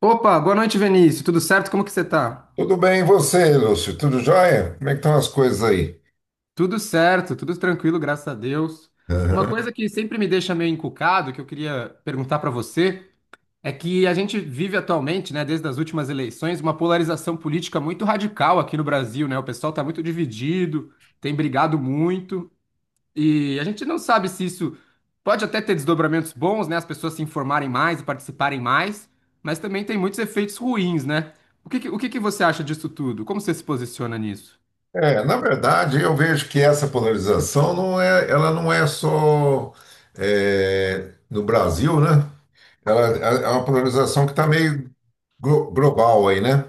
Opa, boa noite, Vinícius. Tudo certo? Como que você tá? Tudo bem, e você, Lúcio? Tudo jóia? Como é que estão as coisas aí? Tudo certo, tudo tranquilo, graças a Deus. Uma Aham. coisa que sempre me deixa meio encucado, que eu queria perguntar pra você, é que a gente vive atualmente, né, desde as últimas eleições, uma polarização política muito radical aqui no Brasil, né? O pessoal tá muito dividido, tem brigado muito. E a gente não sabe se isso pode até ter desdobramentos bons, né? As pessoas se informarem mais e participarem mais, mas também tem muitos efeitos ruins, né? O que que você acha disso tudo? Como você se posiciona nisso? É, na verdade, eu vejo que essa polarização ela não é só no Brasil, né? Ela é uma polarização que está meio global aí, né?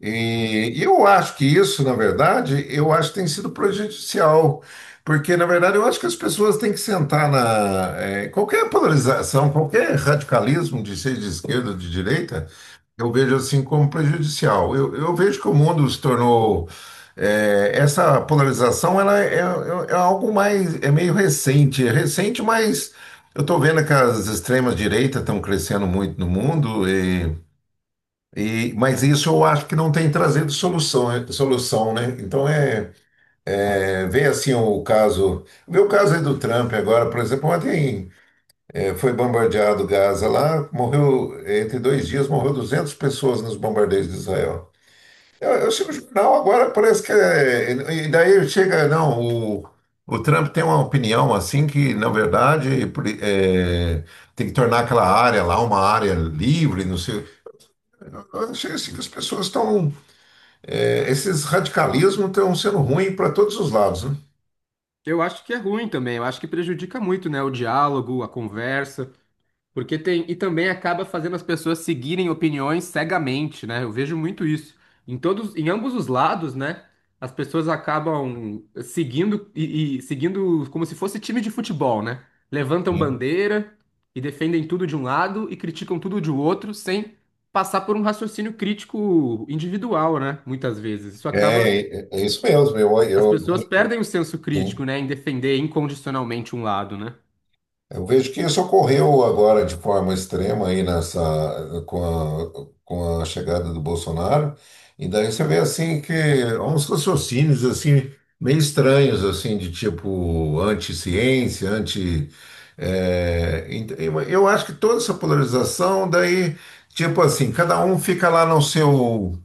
E eu acho que isso, na verdade, eu acho que tem sido prejudicial, porque, na verdade, eu acho que as pessoas têm que sentar na. Qualquer polarização, qualquer radicalismo, de ser de esquerda ou de direita, eu vejo assim como prejudicial. Eu vejo que o mundo se tornou. Essa polarização ela é, é algo mais. É meio recente. É recente, mas eu estou vendo que as extremas direitas estão crescendo muito no mundo. E, mas isso eu acho que não tem trazido solução, solução, né? Então é, é ver assim o caso. O meu caso é do Trump agora, por exemplo, ontem foi bombardeado Gaza lá, morreu entre dois dias, morreu 200 pessoas nos bombardeios de Israel. Eu chego no jornal agora, parece que é, e daí chega, não, o, o Trump tem uma opinião assim que, na verdade, tem que tornar aquela área lá uma área livre, não sei. Eu achei assim que as pessoas estão. É, esses radicalismos estão sendo ruins para todos os lados, né? Eu acho que é ruim também, eu acho que prejudica muito, né? O diálogo, a conversa. Porque tem, e também acaba fazendo as pessoas seguirem opiniões cegamente, né? Eu vejo muito isso. Em todos, em ambos os lados, né? As pessoas acabam seguindo e seguindo como se fosse time de futebol, né? Levantam bandeira e defendem tudo de um lado e criticam tudo de outro sem passar por um raciocínio crítico individual, né? Muitas vezes. Isso acaba, É, é isso mesmo. as pessoas perdem o senso crítico, eu, né? Em defender incondicionalmente um lado, né? Eu vejo que isso ocorreu agora de forma extrema aí nessa com a chegada do Bolsonaro. E daí você vê assim que há uns raciocínios assim meio estranhos assim de tipo anti-ciência, anti é, ent- eu acho que toda essa polarização daí, tipo assim, cada um fica lá no seu,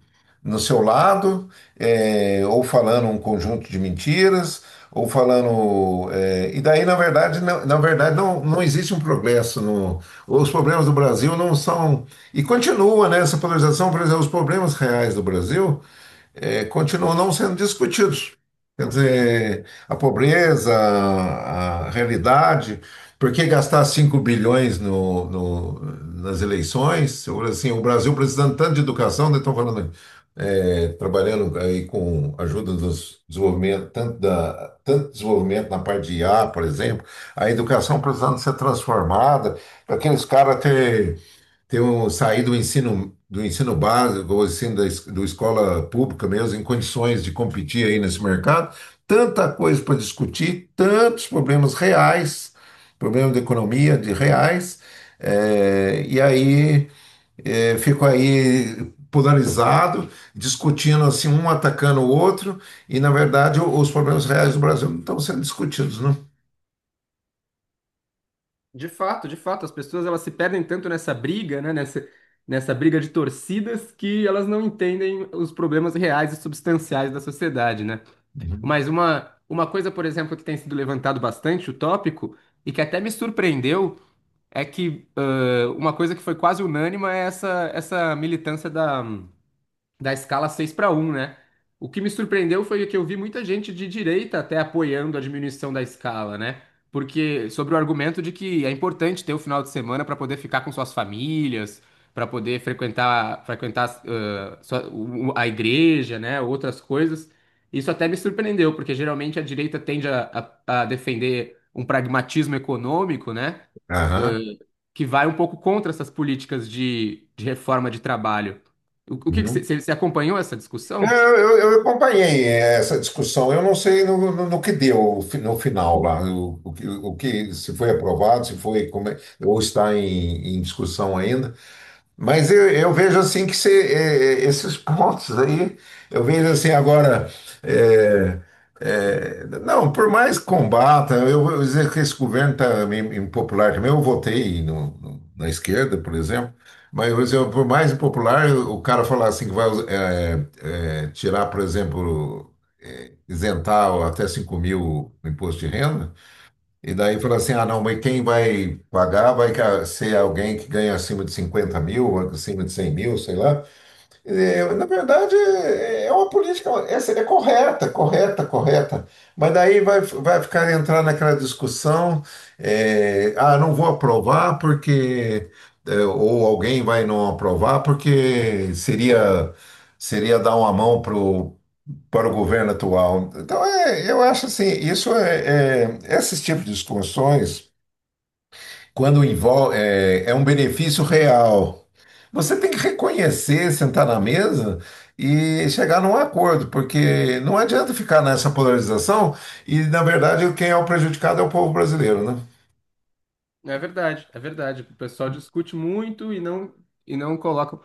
no seu lado, é, ou falando um conjunto de mentiras ou falando. É, e daí, na verdade não, não existe um progresso. No, os problemas do Brasil não são. E continua, né, essa polarização, por exemplo, os problemas reais do Brasil é, continuam não sendo discutidos. Quer dizer, a pobreza, a realidade. Por que gastar 5 bilhões no, nas eleições? Ou assim, o Brasil precisando tanto de educação, né, estão falando é, trabalhando aí com ajuda dos desenvolvimento, tanto da, tanto desenvolvimento na parte de IA, por exemplo, a educação precisando ser transformada, para aqueles caras ter, ter um, sair do ensino básico, ou ensino da, do escola pública mesmo, em condições de competir aí nesse mercado, tanta coisa para discutir, tantos problemas reais, problemas de economia, de reais, eh, e aí eu fico aí polarizado, discutindo assim, um atacando o outro, e na verdade os problemas reais do Brasil não estão sendo discutidos, não. De fato, as pessoas elas se perdem tanto nessa briga, né, nessa briga de torcidas, que elas não entendem os problemas reais e substanciais da sociedade, né? Uhum. Mas uma coisa, por exemplo, que tem sido levantado bastante, o tópico, e que até me surpreendeu, é que uma coisa que foi quase unânime é essa militância da escala 6x1, né? O que me surpreendeu foi que eu vi muita gente de direita até apoiando a diminuição da escala, né? Porque sobre o argumento de que é importante ter o final de semana para poder ficar com suas famílias, para poder frequentar a igreja, né? Outras coisas. Isso até me surpreendeu, porque geralmente a direita tende a defender um pragmatismo econômico, né? Aham. que vai um pouco contra essas políticas de reforma de trabalho. O que que Uhum. você acompanhou essa É, discussão? eu eu acompanhei essa discussão, eu não sei no, no que deu no final lá, o, o se foi aprovado, se foi, como é, ou está em, em discussão ainda. Mas eu vejo assim que se, esses pontos aí, eu vejo assim agora. eh, não, por mais que combata, eu vou dizer que esse governo está impopular também. Eu votei na esquerda, por exemplo, mas vou dizer por mais impopular, o cara falar assim que vai tirar, por exemplo, isentar até 5 mil o imposto de renda. E daí falou assim, ah, não, mas quem vai pagar vai ser alguém que ganha acima de 50 mil, acima de 100 mil, sei lá. É, na verdade, é uma política, essa é correta, correta, correta. Mas daí vai, vai ficar entrar naquela discussão, é, ah, não vou aprovar porque... É, ou alguém vai não aprovar porque seria, seria dar uma mão para o governo atual. Então, é, eu acho assim, isso é, esses tipos de discussões, quando envolve, é, é um benefício real. Você tem que reconhecer, sentar na mesa e chegar num acordo, porque não adianta ficar nessa polarização e, na verdade, quem é o prejudicado é o povo brasileiro, né? É verdade, é verdade. O pessoal discute muito e não coloca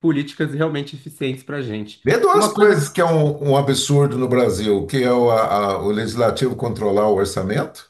políticas realmente eficientes para a gente. Vê duas Uma coisa coisas que, que é um, um absurdo no Brasil, que é o, o legislativo controlar o orçamento,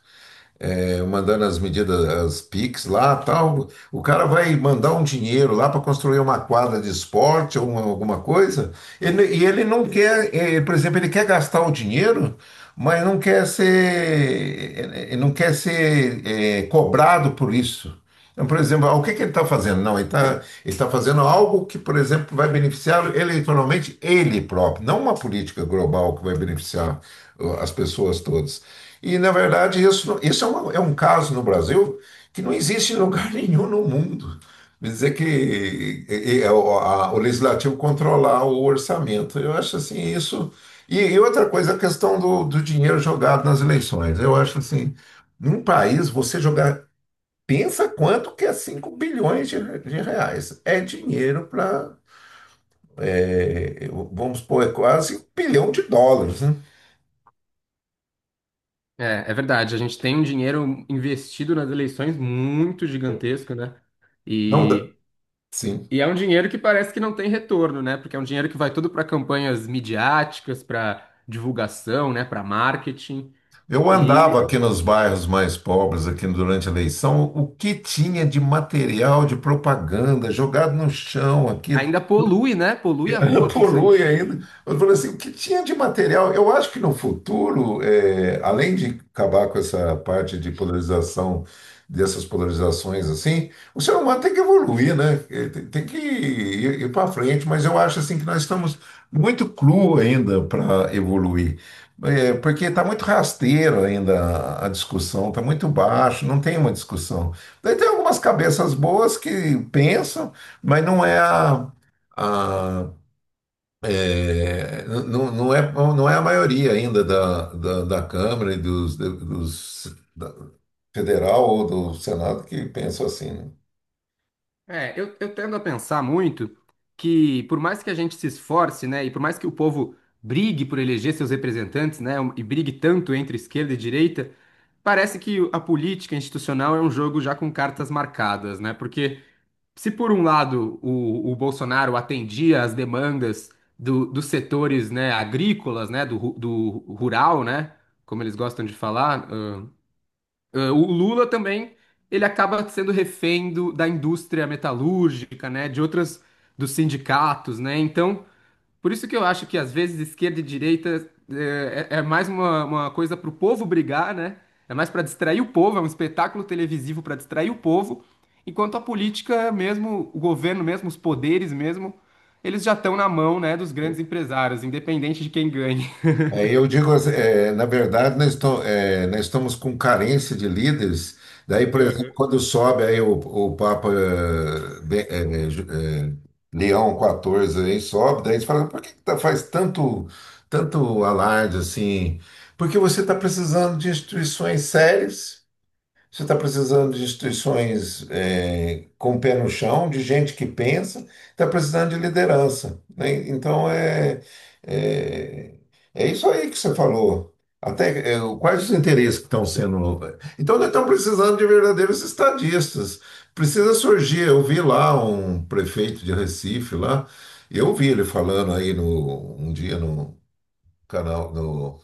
é, mandando as medidas, as PIX lá, tal. O cara vai mandar um dinheiro lá para construir uma quadra de esporte ou alguma coisa, e ele não quer, eh, por exemplo, ele quer gastar o dinheiro, mas não quer ser, ele não quer ser eh, cobrado por isso. Então, por exemplo, o que que ele está fazendo? Não, ele está ele tá fazendo algo que, por exemplo, vai beneficiar eleitoralmente ele próprio, não uma política global que vai beneficiar as pessoas todas. E, na verdade, isso é, é um caso no Brasil que não existe em lugar nenhum no mundo. Quer dizer que é o, o legislativo controlar o orçamento. Eu acho assim, isso. E outra coisa, a questão do, do dinheiro jogado nas eleições. Eu acho assim, num país, você jogar. Pensa quanto que é 5 bilhões de, de reais. É dinheiro para. Vamos pôr, é quase um bilhão de dólares, né? é, é verdade, a gente tem um dinheiro investido nas eleições muito gigantesco, né? Não dá. E, Sim. e é um dinheiro que parece que não tem retorno, né? Porque é um dinheiro que vai todo para campanhas midiáticas, para divulgação, né? Para marketing. Eu andava aqui nos bairros mais pobres, aqui durante a eleição, o que tinha de material de propaganda jogado no chão aqui. Ainda polui, né? Polui a rua com Polui ainda. santinho. Eu falei assim, o que tinha de material? Eu acho que no futuro, eh, além de acabar com essa parte de polarização, dessas polarizações assim, o ser humano tem que evoluir, né? Ele tem que ir, ir para frente, mas eu acho assim que nós estamos muito cru ainda para evoluir. Eh, porque está muito rasteiro ainda a discussão, está muito baixo, não tem uma discussão. Daí tem algumas cabeças boas que pensam, mas não é a, a- é, não, não é a maioria ainda da, da Câmara e dos, federal ou do Senado que pensam assim, né? É, eu tendo a pensar muito que, por mais que a gente se esforce, né, e por mais que o povo brigue por eleger seus representantes, né, e brigue tanto entre esquerda e direita, parece que a política institucional é um jogo já com cartas marcadas, né? Porque se por um lado o Bolsonaro atendia às demandas dos setores, né, agrícolas, né, do rural, né, como eles gostam de falar, ah, o Lula também, ele acaba sendo refém da indústria metalúrgica, né, de outras, dos sindicatos, né, então, por isso que eu acho que às vezes esquerda e direita é mais uma coisa para o povo brigar, né, é mais para distrair o povo, é um espetáculo televisivo para distrair o povo, enquanto a política mesmo, o governo mesmo, os poderes mesmo, eles já estão na mão, né, dos grandes empresários, independente de quem ganhe. Aí eu digo, assim, é, na verdade, é, nós estamos com carência de líderes. Daí, por exemplo, quando sobe aí o Papa Leão quatorze aí sobe, daí a gente fala, por que que faz tanto, tanto alarde assim? Porque você está precisando de instituições sérias. Você está precisando de instituições eh, com o pé no chão, de gente que pensa, está precisando de liderança, né? Então é, é, é isso aí que você falou. Até eh, quais os interesses que estão sendo. Então nós estamos precisando de verdadeiros estadistas. Precisa surgir. Eu vi lá um prefeito de Recife lá, eu vi ele falando aí no, um dia no canal, no,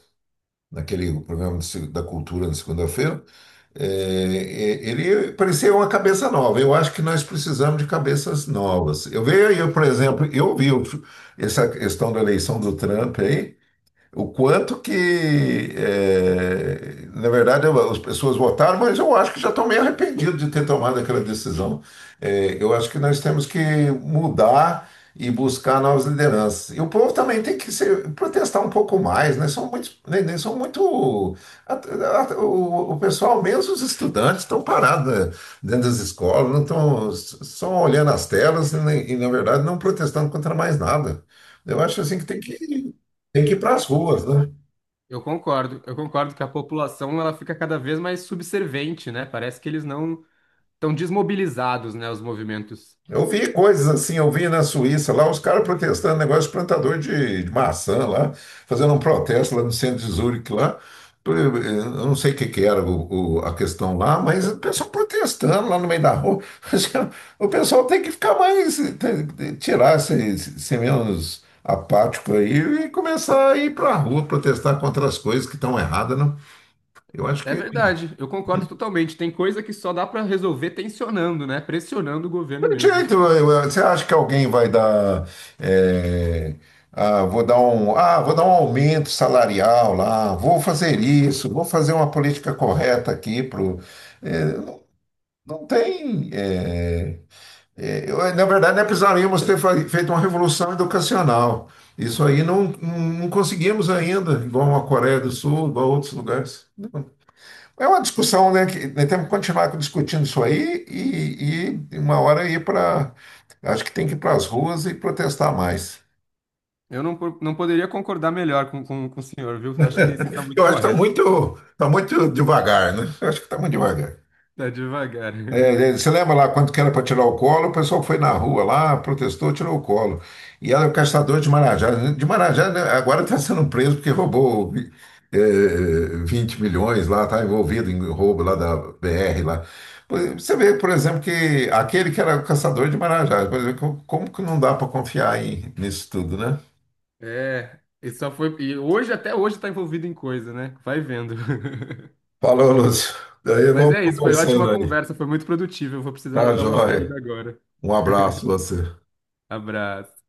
naquele programa de da cultura na segunda-feira. É, ele parecia uma cabeça nova. Eu acho que nós precisamos de cabeças novas. Eu vejo aí, por exemplo, essa questão da eleição do Trump aí. O quanto que, eh, na verdade, as pessoas votaram, mas eu acho que já estão meio arrependidos de ter tomado aquela decisão. Eh, eu acho que nós temos que mudar e buscar novas lideranças. E o povo também tem que se protestar um pouco mais, né? São muito, né, são muito o pessoal, mesmo os estudantes, estão parados, né, dentro das escolas, não estão só olhando as telas e, na verdade, não protestando contra mais nada. Eu acho assim que tem que, tem que ir para as ruas, né? Eu concordo que a população ela fica cada vez mais subservente, né? Parece que eles não estão desmobilizados, né, os movimentos. Eu vi coisas assim, eu vi na Suíça lá, os caras protestando, negócio de plantador de maçã lá, fazendo um protesto lá no centro de Zurique lá. Eu não sei o que que era a questão lá, mas o pessoal protestando lá no meio da rua. O pessoal tem que ficar mais, tirar, ser, ser menos apático aí e começar a ir para a rua protestar contra as coisas que estão erradas, né? Eu acho É que verdade, eu concordo totalmente. Tem coisa que só dá para resolver tensionando, né? Pressionando o governo tem mesmo. jeito, você acha que alguém vai dar, é, ah, vou dar um aumento salarial lá, vou fazer isso, vou fazer uma política correta aqui pro, é, não tem, é, é, na verdade, nós precisaríamos ter feito uma revolução educacional. Isso aí não, não conseguimos ainda, igual a Coreia do Sul, igual a outros lugares. É uma discussão, né? Que, né, temos que continuar discutindo isso aí e uma hora ir para. Acho que tem que ir para as ruas e protestar mais. Eu não, po- Não poderia concordar melhor com o senhor, viu? Eu acho que você está muito Eu acho que está correto. muito, tá muito devagar, né? Eu acho que está muito devagar. Tá devagar. É, é, você lembra lá quando que era para tirar o colo, o pessoal foi na rua lá, protestou, tirou o colo. E era o caçador de Marajá. De Marajá, né, agora está sendo preso porque roubou é, 20 milhões lá, está envolvido em roubo lá da BR lá. Pois, você vê, por exemplo, que aquele que era o caçador de Marajá, por exemplo, como como que não dá para confiar nisso tudo, né? É, e só foi. E hoje, até hoje, está envolvido em coisa, né? Vai vendo. Falou, Lúcio. Daí Mas vamos é isso, foi ótima conversando aí. conversa, foi muito produtiva. Eu vou precisar Tá, dar uma saída joia. agora. Um abraço a você. Abraço.